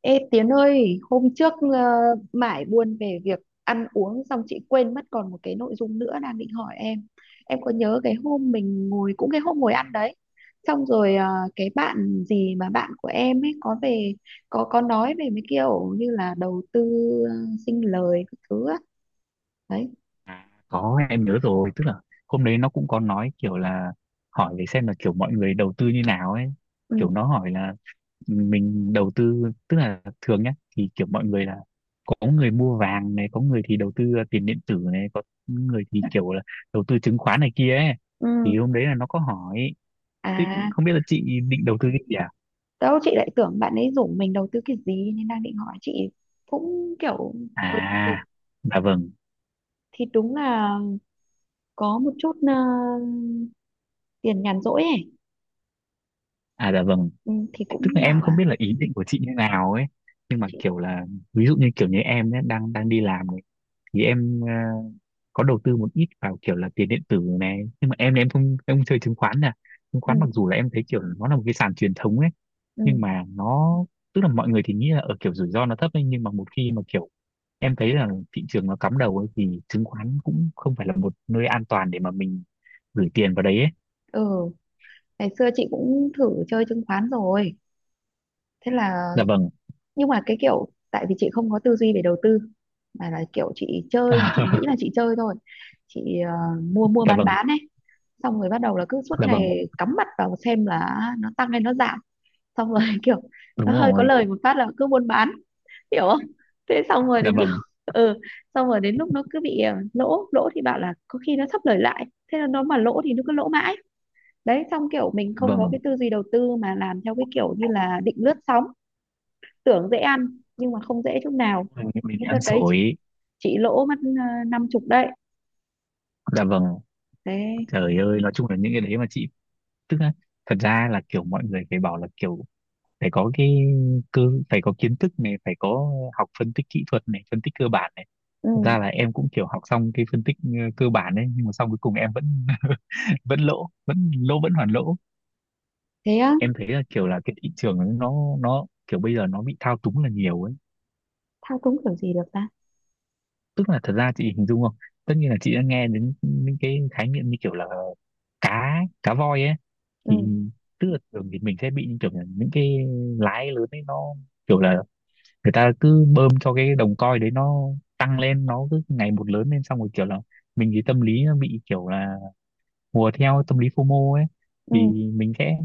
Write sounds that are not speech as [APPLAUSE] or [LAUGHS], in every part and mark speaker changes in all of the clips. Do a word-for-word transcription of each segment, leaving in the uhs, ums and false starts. Speaker 1: Ê Tiến ơi, hôm trước ờ, mải buồn về việc ăn uống xong chị quên mất còn một cái nội dung nữa đang định hỏi em. Em có nhớ cái hôm mình ngồi cũng cái hôm ngồi ăn đấy. Xong rồi ờ, cái bạn gì mà bạn của em ấy có về có có nói về mấy kiểu như là đầu tư ờ, sinh lời các thứ á. Đấy.
Speaker 2: À, có em nhớ rồi. Tức là hôm đấy nó cũng có nói kiểu là hỏi để xem là kiểu mọi người đầu tư như nào ấy,
Speaker 1: Ừ.
Speaker 2: kiểu nó hỏi là mình đầu tư, tức là thường nhá thì kiểu mọi người là có người mua vàng này, có người thì đầu tư tiền điện tử này, có người thì kiểu là đầu tư chứng khoán này kia ấy.
Speaker 1: Ừ.
Speaker 2: Thì hôm đấy là nó có hỏi thế
Speaker 1: À,
Speaker 2: không biết là chị định đầu tư cái gì à.
Speaker 1: đâu chị lại tưởng bạn ấy rủ mình đầu tư cái gì nên đang định hỏi chị cũng kiểu ừ thì
Speaker 2: À dạ vâng.
Speaker 1: thì đúng là có một chút ờ, tiền nhàn rỗi ấy,
Speaker 2: À dạ vâng.
Speaker 1: ừ, thì
Speaker 2: Tức là
Speaker 1: cũng
Speaker 2: em
Speaker 1: bảo
Speaker 2: không
Speaker 1: là
Speaker 2: biết là ý định của chị như nào ấy, nhưng mà
Speaker 1: chị.
Speaker 2: kiểu là ví dụ như kiểu như em ấy, đang đang đi làm này thì em ờ, có đầu tư một ít vào kiểu là tiền điện tử này, nhưng mà em thì em không em không chơi chứng khoán nè. Chứng
Speaker 1: Ừ,
Speaker 2: khoán mặc dù là em thấy kiểu nó là một cái sàn truyền thống ấy,
Speaker 1: ừ,
Speaker 2: nhưng mà nó tức là mọi người thì nghĩ là ở kiểu rủi ro nó thấp ấy, nhưng mà một khi mà kiểu em thấy là thị trường nó cắm đầu ấy thì chứng khoán cũng không phải là một nơi an toàn để mà mình gửi tiền vào đấy ấy.
Speaker 1: ừ, ngày xưa chị cũng thử chơi chứng khoán rồi, thế là
Speaker 2: Dạ vâng.
Speaker 1: nhưng mà cái kiểu tại vì chị không có tư duy về đầu tư mà là kiểu chị chơi, chị nghĩ là
Speaker 2: [LAUGHS]
Speaker 1: chị chơi thôi. Chị ờ, mua mua
Speaker 2: Dạ
Speaker 1: bán
Speaker 2: vâng.
Speaker 1: bán ấy, xong rồi bắt đầu là cứ suốt
Speaker 2: Dạ vâng.
Speaker 1: ngày cắm mặt vào xem là nó tăng hay nó giảm, xong rồi [LAUGHS] kiểu nó
Speaker 2: Đúng
Speaker 1: hơi có
Speaker 2: rồi.
Speaker 1: lời một phát là cứ buôn bán, hiểu không. Thế xong rồi
Speaker 2: Dạ
Speaker 1: đến lúc
Speaker 2: vâng.
Speaker 1: [LAUGHS] ừ, xong rồi đến lúc nó cứ bị ờ, lỗ lỗ thì bảo là có khi nó thấp lời lại, thế là nó mà lỗ thì nó cứ lỗ mãi. Đấy, xong kiểu
Speaker 2: Dạ
Speaker 1: mình không có
Speaker 2: vâng.
Speaker 1: cái tư duy đầu tư mà làm theo cái kiểu như là định lướt sóng, tưởng dễ ăn nhưng mà không dễ chút nào.
Speaker 2: Mình mình
Speaker 1: Thế đợt
Speaker 2: ăn
Speaker 1: đấy chị,
Speaker 2: xổi.
Speaker 1: chị lỗ mất ờ, năm chục đấy,
Speaker 2: Dạ vâng.
Speaker 1: thế.
Speaker 2: Trời ơi, nói chung là những cái đấy mà chị tức là thật ra là kiểu mọi người phải bảo là kiểu phải có cái cơ, phải có kiến thức này, phải có học phân tích kỹ thuật này, phân tích cơ bản này.
Speaker 1: Ừ.
Speaker 2: Thật ra là em cũng kiểu học xong cái phân tích ờ, cơ bản đấy nhưng mà xong cuối cùng em vẫn [LAUGHS] vẫn lỗ, vẫn lỗ vẫn hoàn lỗ.
Speaker 1: Thế á.
Speaker 2: Em thấy là kiểu là cái thị trường ấy, nó nó kiểu bây giờ nó bị thao túng là nhiều ấy.
Speaker 1: Thao túng kiểu gì được ta.
Speaker 2: Tức là thật ra chị hình dung không, tất nhiên là chị đã nghe đến những cái khái niệm như kiểu là cá cá voi ấy. Thì
Speaker 1: Ừ.
Speaker 2: tức là thường thì mình sẽ bị những kiểu là những cái lái lớn ấy, nó kiểu là người ta cứ bơm cho cái đồng coin đấy nó tăng lên, nó cứ ngày một lớn lên, xong rồi kiểu là mình thì tâm lý nó bị kiểu là hùa theo tâm lý FOMO ấy.
Speaker 1: Ừ.
Speaker 2: Thì mình sẽ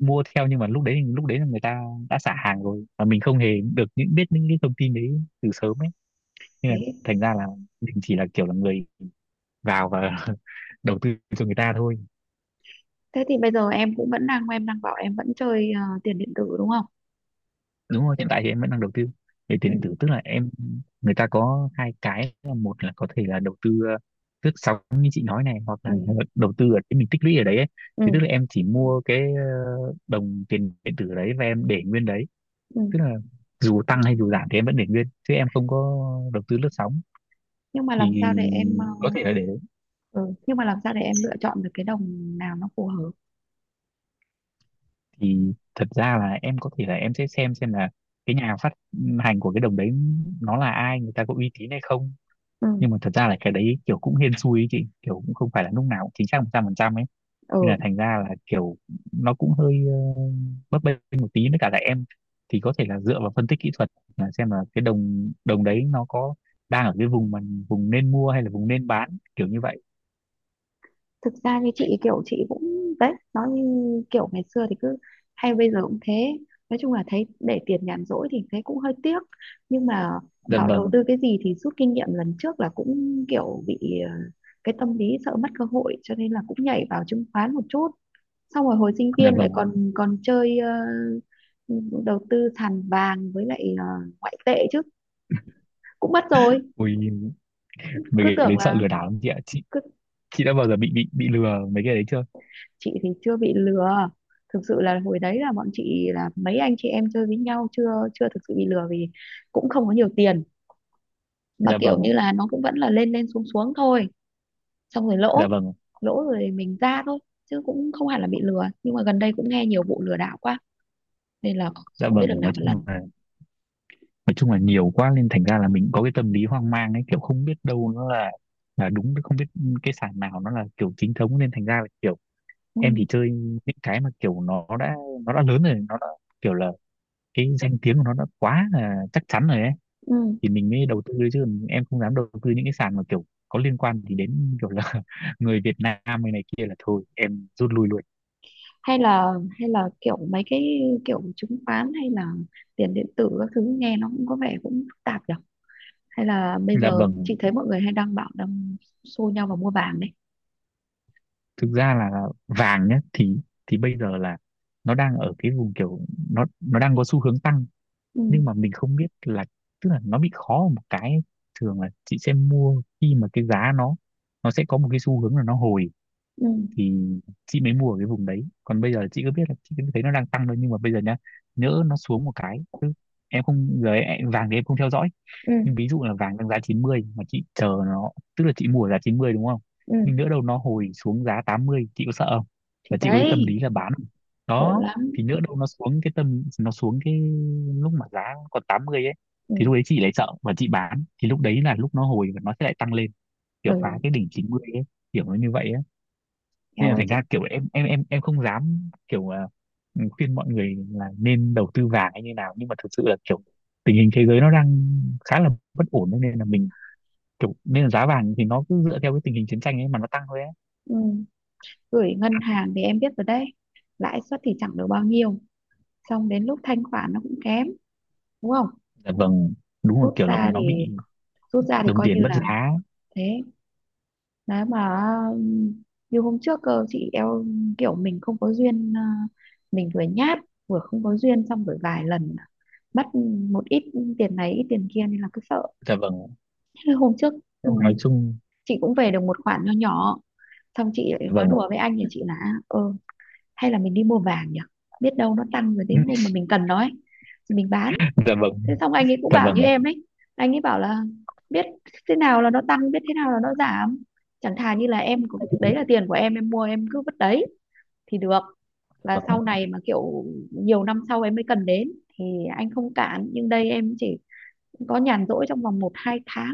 Speaker 2: mua theo nhưng mà lúc đấy lúc đấy là người ta đã xả hàng rồi, và mình không hề được những biết những cái thông tin đấy từ sớm ấy, nên là
Speaker 1: Thế.
Speaker 2: thành ra là mình chỉ là kiểu là người vào và [LAUGHS] đầu tư cho người ta thôi.
Speaker 1: Thế thì bây giờ em cũng vẫn đang em đang bảo em vẫn chơi ờ, tiền điện tử đúng không?
Speaker 2: Đúng rồi, hiện tại thì em vẫn đang đầu tư về
Speaker 1: Ừ,
Speaker 2: tiền điện tử, tức là em người ta có hai cái là một là có thể là đầu tư ờ, lướt sóng như chị nói này, hoặc
Speaker 1: ừ,
Speaker 2: là [LAUGHS] đầu tư ở cái mình tích lũy ở đấy ấy. Thì
Speaker 1: ừ,
Speaker 2: tức là em chỉ mua cái ờ, đồng tiền điện tử đấy và em để nguyên đấy,
Speaker 1: ừ.
Speaker 2: tức là dù tăng hay dù giảm thì em vẫn để nguyên chứ em không có đầu tư lướt sóng.
Speaker 1: Nhưng mà làm sao
Speaker 2: Thì
Speaker 1: để em ờ,
Speaker 2: có thể là để đấy.
Speaker 1: ừ, nhưng mà làm sao để em lựa chọn được cái đồng nào nó phù hợp?
Speaker 2: Thì thật ra là em có thể là em sẽ xem xem là cái nhà phát hành của cái đồng đấy nó là ai, người ta có uy tín hay không.
Speaker 1: Ừ,
Speaker 2: Nhưng mà thật ra là cái đấy kiểu cũng hên xui ấy chị, kiểu cũng không phải là lúc nào cũng chính xác một trăm phần trăm ấy. Nên
Speaker 1: ừ.
Speaker 2: là thành ra là kiểu nó cũng hơi ờ, bấp bênh một tí, với cả là em thì có thể là dựa vào phân tích kỹ thuật là xem là cái đồng đồng đấy nó có đang ở cái vùng mà vùng nên mua hay là vùng nên bán kiểu như vậy.
Speaker 1: Thực ra như chị kiểu chị cũng đấy, nói như kiểu ngày xưa thì cứ hay bây giờ cũng thế, nói chung là thấy để tiền nhàn rỗi thì thấy cũng hơi tiếc. Nhưng mà
Speaker 2: Dạ
Speaker 1: bảo đầu
Speaker 2: vâng.
Speaker 1: tư cái gì thì rút kinh nghiệm lần trước là cũng kiểu bị ờ, cái tâm lý sợ mất cơ hội cho nên là cũng nhảy vào chứng khoán một chút, xong rồi hồi sinh
Speaker 2: Dạ
Speaker 1: viên lại
Speaker 2: vâng.
Speaker 1: còn còn chơi ờ, đầu tư sàn vàng với lại ờ, ngoại tệ chứ cũng mất rồi.
Speaker 2: Ui, mấy
Speaker 1: Cứ
Speaker 2: cái đấy
Speaker 1: tưởng
Speaker 2: sợ
Speaker 1: là
Speaker 2: lừa đảo lắm chị ạ. chị
Speaker 1: cứ
Speaker 2: chị đã bao giờ bị bị bị lừa mấy cái đấy chưa?
Speaker 1: chị thì chưa bị lừa, thực sự là hồi đấy là bọn chị là mấy anh chị em chơi với nhau chưa chưa thực sự bị lừa vì cũng không có nhiều tiền, mà
Speaker 2: Dạ
Speaker 1: kiểu
Speaker 2: vâng.
Speaker 1: như là nó cũng vẫn là lên lên xuống xuống thôi, xong rồi lỗ,
Speaker 2: Dạ vâng.
Speaker 1: lỗ rồi mình ra thôi, chứ cũng không hẳn là bị lừa, nhưng mà gần đây cũng nghe nhiều vụ lừa đảo quá nên là
Speaker 2: Dạ
Speaker 1: không biết
Speaker 2: vâng.
Speaker 1: được nào
Speaker 2: Nói
Speaker 1: một lần.
Speaker 2: chung là nói chung là nhiều quá nên thành ra là mình có cái tâm lý hoang mang ấy, kiểu không biết đâu nó là là đúng, không biết cái sàn nào nó là kiểu chính thống, nên thành ra là kiểu em chỉ
Speaker 1: Ừ,
Speaker 2: chơi những cái mà kiểu nó đã nó đã lớn rồi nó đã kiểu là cái danh tiếng của nó đã quá là chắc chắn rồi ấy.
Speaker 1: ừ.
Speaker 2: Thì mình mới đầu tư chứ em không dám đầu tư những cái sàn mà kiểu có liên quan thì đến kiểu là [LAUGHS] người Việt Nam hay này kia là thôi em rút lui luôn.
Speaker 1: Hay là hay là kiểu mấy cái kiểu chứng khoán hay là tiền điện tử các thứ nghe nó cũng có vẻ cũng phức tạp nhỉ. Hay là bây
Speaker 2: Là
Speaker 1: giờ
Speaker 2: vâng.
Speaker 1: chị thấy mọi người hay đăng bảo đang xô nhau vào mua vàng đấy.
Speaker 2: Thực ra là vàng nhá thì thì bây giờ là nó đang ở cái vùng kiểu nó nó đang có xu hướng tăng. Nhưng mà
Speaker 1: Ừ.
Speaker 2: mình không biết là tức là nó bị khó ở một cái ấy. Thường là chị sẽ mua khi mà cái giá nó nó sẽ có một cái xu hướng là nó hồi.
Speaker 1: Ừ.
Speaker 2: Thì chị mới mua ở cái vùng đấy, còn bây giờ chị cứ biết là chị cứ thấy nó đang tăng thôi, nhưng mà bây giờ nhá nhỡ nó xuống một cái, em không giờ em, vàng thì em không theo dõi. Nhưng
Speaker 1: Ừ.
Speaker 2: ví dụ là vàng đang giá chín mươi mà chị chờ nó, tức là chị mua ở giá chín mươi đúng không, nhưng
Speaker 1: Ừ
Speaker 2: nữa đâu nó hồi xuống giá tám mươi chị có sợ không,
Speaker 1: thì
Speaker 2: và chị có cái tâm
Speaker 1: đấy,
Speaker 2: lý là bán không?
Speaker 1: khổ
Speaker 2: Đó.
Speaker 1: lắm.
Speaker 2: Thì nữa đâu nó xuống cái tâm nó xuống cái lúc mà giá còn tám mươi ấy,
Speaker 1: Ừ.
Speaker 2: thì lúc đấy chị lại sợ và chị bán thì lúc đấy là lúc nó hồi và nó sẽ lại tăng lên kiểu
Speaker 1: Ừ.
Speaker 2: phá cái đỉnh chín mươi ấy. Kiểu nó như vậy ấy. Nên
Speaker 1: Eo
Speaker 2: là
Speaker 1: ơi
Speaker 2: thành
Speaker 1: chứ.
Speaker 2: ra kiểu em em em em không dám kiểu à, ừ, khuyên mọi người là nên đầu tư vàng hay như nào, nhưng mà thực sự là kiểu tình hình thế giới nó đang khá là bất ổn ấy, nên là mình kiểu nên là giá vàng thì nó cứ dựa theo cái tình hình chiến tranh ấy mà nó tăng thôi ấy.
Speaker 1: Ừ. Gửi ngân hàng thì em biết rồi đấy, lãi suất thì chẳng được bao nhiêu, xong đến lúc thanh khoản nó cũng kém, đúng không.
Speaker 2: Dạ vâng. Đúng rồi,
Speaker 1: Rút
Speaker 2: kiểu là
Speaker 1: ra
Speaker 2: nó bị
Speaker 1: thì rút ra thì
Speaker 2: đồng
Speaker 1: coi như
Speaker 2: tiền mất
Speaker 1: là,
Speaker 2: giá.
Speaker 1: thế. Đấy mà như hôm trước cơ chị, eo, kiểu mình không có duyên à, mình vừa nhát vừa không có duyên xong rồi vài lần mất một ít tiền này ít tiền kia nên là cứ sợ.
Speaker 2: Dạ vâng.
Speaker 1: Thế hôm trước, ừ,
Speaker 2: Nhưng mà nói chung.
Speaker 1: chị cũng về được một khoản nho nhỏ, xong chị
Speaker 2: Dạ
Speaker 1: lại nói
Speaker 2: vâng.
Speaker 1: đùa với anh nhà chị là ờ, hay là mình đi mua vàng nhỉ, biết đâu nó tăng rồi đến hôm mà
Speaker 2: [LAUGHS]
Speaker 1: mình cần nó ấy thì mình bán.
Speaker 2: Dạ vâng.
Speaker 1: Thế xong anh ấy cũng
Speaker 2: Dạ
Speaker 1: bảo như
Speaker 2: vâng.
Speaker 1: em ấy, anh ấy bảo là biết thế nào là nó tăng biết thế nào là nó giảm, chẳng thà như là em có-
Speaker 2: Dạ
Speaker 1: đấy là tiền của em em mua em cứ vứt đấy thì được, và
Speaker 2: vâng.
Speaker 1: sau này mà kiểu nhiều năm sau em mới cần đến thì anh không cản, nhưng đây em chỉ có nhàn rỗi trong vòng một hai tháng,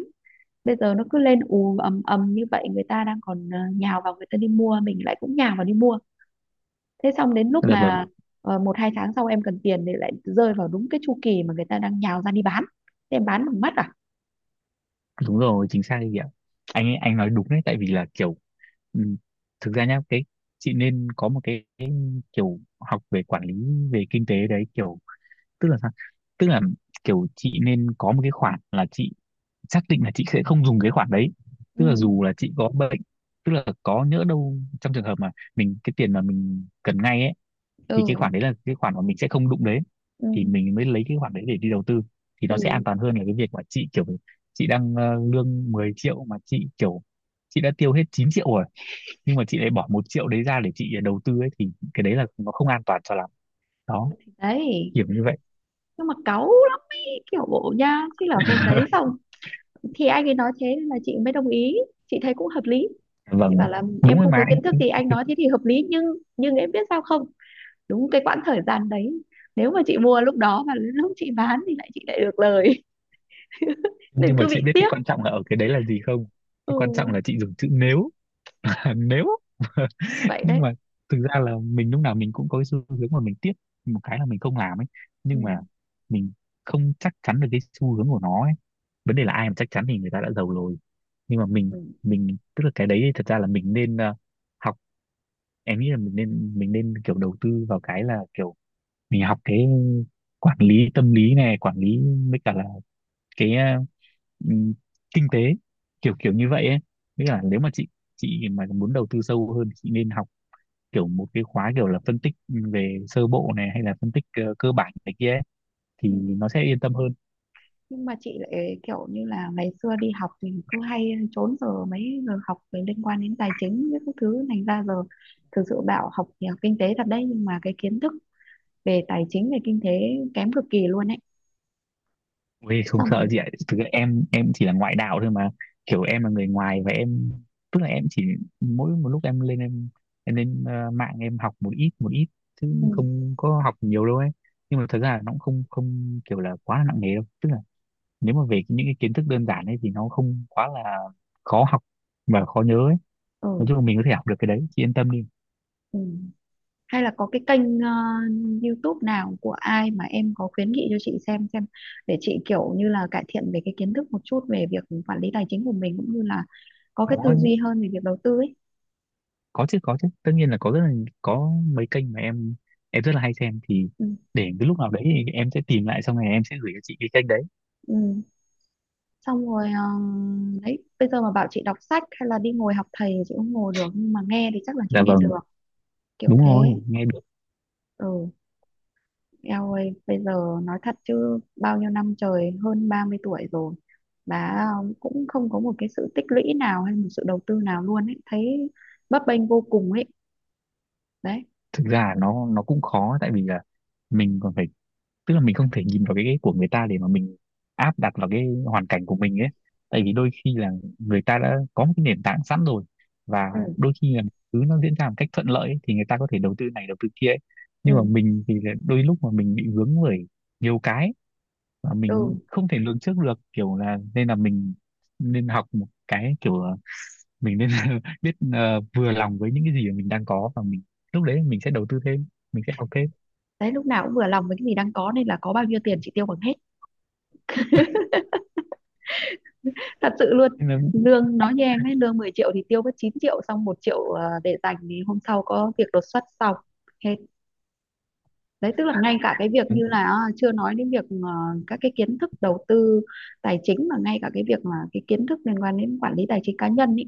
Speaker 1: bây giờ nó cứ lên ù ầm ầm như vậy, người ta đang còn ờ, nhào vào người ta đi mua mình lại cũng nhào vào đi mua, thế xong đến lúc ừ
Speaker 2: Dạ
Speaker 1: mà
Speaker 2: vâng.
Speaker 1: ờ, một hai tháng sau em cần tiền thì lại rơi vào đúng cái chu kỳ mà người ta đang nhào ra đi bán, thế em bán bằng mắt à.
Speaker 2: Đúng rồi, chính xác đấy chị ạ. Anh anh nói đúng đấy, tại vì là kiểu ừm, thực ra nhá cái chị nên có một cái, cái kiểu học về quản lý về kinh tế đấy kiểu, tức là sao, tức là kiểu chị nên có một cái khoản là chị xác định là chị sẽ không dùng cái khoản đấy.
Speaker 1: Ừ.
Speaker 2: Tức là dù là chị có bệnh, tức là có nhỡ đâu trong trường hợp mà mình cái tiền mà mình cần ngay ấy, thì cái
Speaker 1: Ừ.
Speaker 2: khoản đấy là cái khoản mà mình sẽ không đụng đến.
Speaker 1: Ừ.
Speaker 2: Thì mình mới lấy cái khoản đấy để đi đầu tư, thì nó sẽ an
Speaker 1: Ừ
Speaker 2: toàn hơn là cái việc mà chị kiểu chị đang ờ, lương mười triệu mà chị kiểu chị đã tiêu hết chín triệu rồi, nhưng mà chị lại bỏ một triệu đấy ra để chị đầu tư ấy thì cái đấy là nó không an toàn cho lắm. Đó,
Speaker 1: thì đấy,
Speaker 2: kiểu như vậy.
Speaker 1: nhưng mà cáu lắm ý, kiểu bộ nha, thế là hôm đấy
Speaker 2: [LAUGHS]
Speaker 1: xong thì anh ấy nói thế nên là chị mới đồng ý, chị thấy cũng hợp lý. Chị
Speaker 2: Vâng,
Speaker 1: bảo là
Speaker 2: đúng
Speaker 1: em
Speaker 2: rồi
Speaker 1: không
Speaker 2: mà
Speaker 1: có
Speaker 2: anh.
Speaker 1: kiến thức thì anh nói thế thì hợp lý nhưng nhưng em biết sao không, đúng cái quãng thời gian đấy nếu mà chị mua lúc đó và lúc chị bán thì lại chị lại được lời [LAUGHS] nên
Speaker 2: Nhưng mà
Speaker 1: cứ
Speaker 2: chị
Speaker 1: bị
Speaker 2: biết cái
Speaker 1: tiếc.
Speaker 2: quan trọng là ở cái đấy là gì không? Cái quan trọng là
Speaker 1: Ừ
Speaker 2: chị dùng chữ nếu. [LAUGHS] Nếu.
Speaker 1: vậy
Speaker 2: Nhưng
Speaker 1: đấy.
Speaker 2: mà thực ra là mình lúc nào mình cũng có cái xu hướng mà mình tiếc một cái là mình không làm ấy,
Speaker 1: Ừ,
Speaker 2: nhưng mà mình không chắc chắn được cái xu hướng của nó ấy, vấn đề là ai mà chắc chắn thì người ta đã giàu rồi. Nhưng mà mình
Speaker 1: ừ.
Speaker 2: mình tức là cái đấy thật ra là mình nên ờ, học, em nghĩ là mình nên mình nên kiểu đầu tư vào cái là kiểu mình học cái quản lý tâm lý này, quản lý với cả là cái ờ, ừm, kinh tế kiểu kiểu như vậy ấy, với cả nếu mà chị chị mà muốn đầu tư sâu hơn thì chị nên học kiểu một cái khóa kiểu là phân tích về sơ bộ này hay là phân tích ờ, cơ bản này kia ấy, thì
Speaker 1: Ừ.
Speaker 2: nó sẽ yên tâm hơn.
Speaker 1: Nhưng mà chị lại kiểu như là ngày xưa đi học thì cứ hay trốn giờ mấy giờ học về liên quan đến tài chính với các thứ thành ra giờ thực sự bảo học thì học kinh tế thật đấy nhưng mà cái kiến thức về tài chính về kinh tế kém cực kỳ luôn ấy.
Speaker 2: Ui, không
Speaker 1: Xong rồi
Speaker 2: sợ gì ạ, thực ra em em chỉ là ngoại đạo thôi mà, kiểu em là người ngoài và em tức là em chỉ mỗi một lúc em lên em em lên ờ, mạng em học một ít một ít
Speaker 1: ừ,
Speaker 2: chứ không có học nhiều đâu ấy. Nhưng mà thật ra là nó cũng không không kiểu là quá là nặng nề đâu, tức là nếu mà về cái- những cái kiến thức đơn giản ấy thì nó không quá là khó học và khó nhớ ấy. Nói
Speaker 1: ừ,
Speaker 2: chung là mình có thể học được cái đấy chị yên tâm đi.
Speaker 1: ừ. Hay là có cái kênh ờ, du túp nào của ai mà em có khuyến nghị cho chị xem xem để chị kiểu như là cải thiện về cái kiến thức một chút về việc quản lý tài chính của mình cũng như là có cái
Speaker 2: Có,
Speaker 1: tư duy hơn về việc đầu tư ấy.
Speaker 2: có chứ có chứ tất nhiên là có, rất là có mấy kênh mà em em rất là hay xem thì
Speaker 1: Ừ,
Speaker 2: để cái lúc nào đấy thì em sẽ tìm lại xong rồi em sẽ gửi cho chị cái kênh đấy.
Speaker 1: ừ. Xong rồi ờ, đấy bây giờ mà bảo chị đọc sách hay là đi ngồi học thầy thì chị không ngồi được, nhưng mà nghe thì chắc là chị
Speaker 2: Dạ
Speaker 1: nghe
Speaker 2: vâng.
Speaker 1: được, kiểu
Speaker 2: Đúng
Speaker 1: thế.
Speaker 2: rồi, nghe được.
Speaker 1: Ừ. Eo ơi bây giờ nói thật chứ bao nhiêu năm trời hơn ba mươi tuổi rồi mà cũng không có một cái sự tích lũy nào hay một sự đầu tư nào luôn ấy, thấy bấp bênh vô cùng ấy. Đấy.
Speaker 2: Thực ra là nó nó cũng khó tại vì là mình còn phải, tức là mình không thể nhìn vào cái cái của người ta để mà mình áp đặt vào cái hoàn cảnh của mình ấy, tại vì đôi khi là người ta đã có một cái nền tảng sẵn rồi, và
Speaker 1: Ừ.
Speaker 2: đôi khi là thứ nó diễn ra một cách thuận lợi ấy, thì người ta có thể đầu tư này đầu tư kia ấy. Nhưng mà
Speaker 1: Ừ.
Speaker 2: mình thì là đôi lúc mà mình bị vướng bởi nhiều cái mà
Speaker 1: Ừ.
Speaker 2: mình không thể lường trước được kiểu là, nên là mình nên học một cái kiểu là mình nên [LAUGHS] biết ờ, vừa lòng với những cái gì mà mình đang có, và mình lúc đấy mình sẽ đầu tư thêm, mình sẽ học thêm.
Speaker 1: Đấy lúc nào cũng vừa lòng với cái gì đang có nên là có bao nhiêu tiền chị tiêu bằng hết, thật sự luôn.
Speaker 2: Nên là,
Speaker 1: Lương nói như em ấy lương mười triệu thì tiêu mất chín triệu xong một triệu ờ, để dành thì hôm sau có việc đột xuất xong hết. Đấy tức là ngay cả cái việc như là ờ, chưa nói đến việc ờ, các cái kiến thức đầu tư tài chính mà ngay cả cái việc mà cái kiến thức liên quan đến quản lý tài chính cá nhân ý,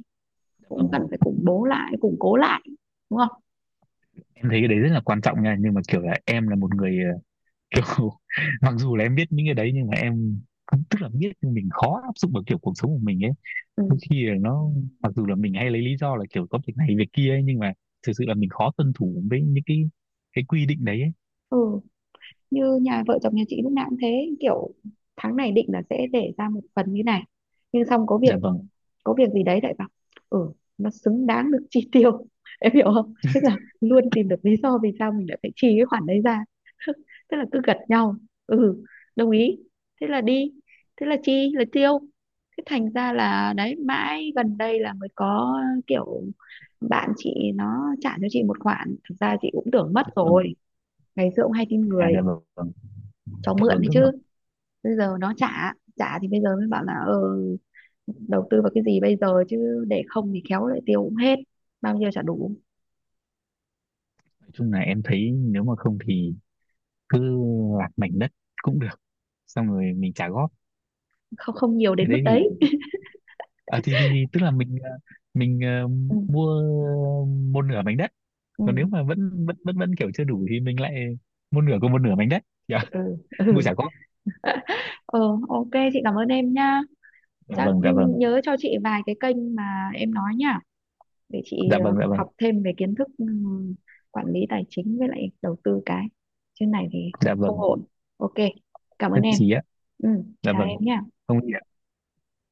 Speaker 1: cũng cần
Speaker 2: vâng,
Speaker 1: phải củng bố lại củng cố lại, đúng không.
Speaker 2: em thấy cái đấy rất là quan trọng nha, nhưng mà kiểu là em là một người ờ, [LAUGHS] kiểu mặc dù là em biết những cái đấy nhưng mà em cũng tức là biết nhưng mình khó áp dụng vào kiểu cuộc sống của mình ấy.
Speaker 1: Ừ.
Speaker 2: Đôi khi là nó mặc dù là mình hay lấy lý do là kiểu có việc này việc kia ấy nhưng mà thực sự là mình khó tuân thủ với những cái cái quy định đấy ấy.
Speaker 1: Ừ như nhà vợ chồng nhà chị lúc nào cũng thế, kiểu tháng này định là sẽ để ra một phần như này, nhưng xong có việc,
Speaker 2: Dạ vâng,
Speaker 1: có việc gì đấy lại bảo ừ nó xứng đáng được chi tiêu [LAUGHS] em hiểu không, tức là luôn tìm được lý do vì sao mình lại phải chi cái khoản đấy ra [LAUGHS] tức là cứ gật nhau, ừ, đồng ý, thế là đi, thế là chi là tiêu. Thế thành ra là đấy mãi gần đây là mới có kiểu bạn chị nó trả cho chị một khoản, thực ra chị cũng tưởng mất
Speaker 2: dạ vâng.
Speaker 1: rồi, ngày xưa cũng hay tin
Speaker 2: À dạ
Speaker 1: người
Speaker 2: vâng, vâng.
Speaker 1: cho
Speaker 2: Dạ
Speaker 1: mượn
Speaker 2: vâng,
Speaker 1: đấy
Speaker 2: dạ
Speaker 1: chứ,
Speaker 2: vâng.
Speaker 1: bây giờ nó trả trả thì bây giờ mới bảo là ờ, đầu tư vào cái gì bây giờ chứ để không thì khéo lại tiêu cũng hết, bao nhiêu chả đủ.
Speaker 2: Nói chung là em thấy nếu mà không thì cứ lạc mảnh đất cũng được, xong rồi mình trả góp.
Speaker 1: Không không nhiều
Speaker 2: Cái
Speaker 1: đến mức
Speaker 2: đấy thì
Speaker 1: đấy.
Speaker 2: à, thì, thì, thì tức là mình ờ, mình ờ,
Speaker 1: Ừ.
Speaker 2: mua một nửa mảnh đất,
Speaker 1: Ừ.
Speaker 2: còn nếu mà vẫn vẫn vẫn vẫn kiểu chưa đủ thì mình lại mua nửa của một nửa mảnh đất. Dạ. [LAUGHS]
Speaker 1: Ừ,
Speaker 2: Mua
Speaker 1: ừ.
Speaker 2: trả góp.
Speaker 1: [LAUGHS] Ờ, ô kê chị cảm ơn em nha,
Speaker 2: Dạ
Speaker 1: chắc
Speaker 2: vâng, dạ vâng,
Speaker 1: nhớ cho chị vài cái kênh mà em nói nha, để chị
Speaker 2: dạ
Speaker 1: ờ,
Speaker 2: vâng, dạ vâng,
Speaker 1: học thêm về kiến thức, ừ, quản lý tài chính với lại đầu tư cái trên này thì
Speaker 2: dạ
Speaker 1: không
Speaker 2: vâng,
Speaker 1: ổn. ô kê, cảm ơn
Speaker 2: nhất
Speaker 1: em.
Speaker 2: trí á.
Speaker 1: Ừ,
Speaker 2: Dạ
Speaker 1: chào
Speaker 2: vâng,
Speaker 1: em nha.
Speaker 2: không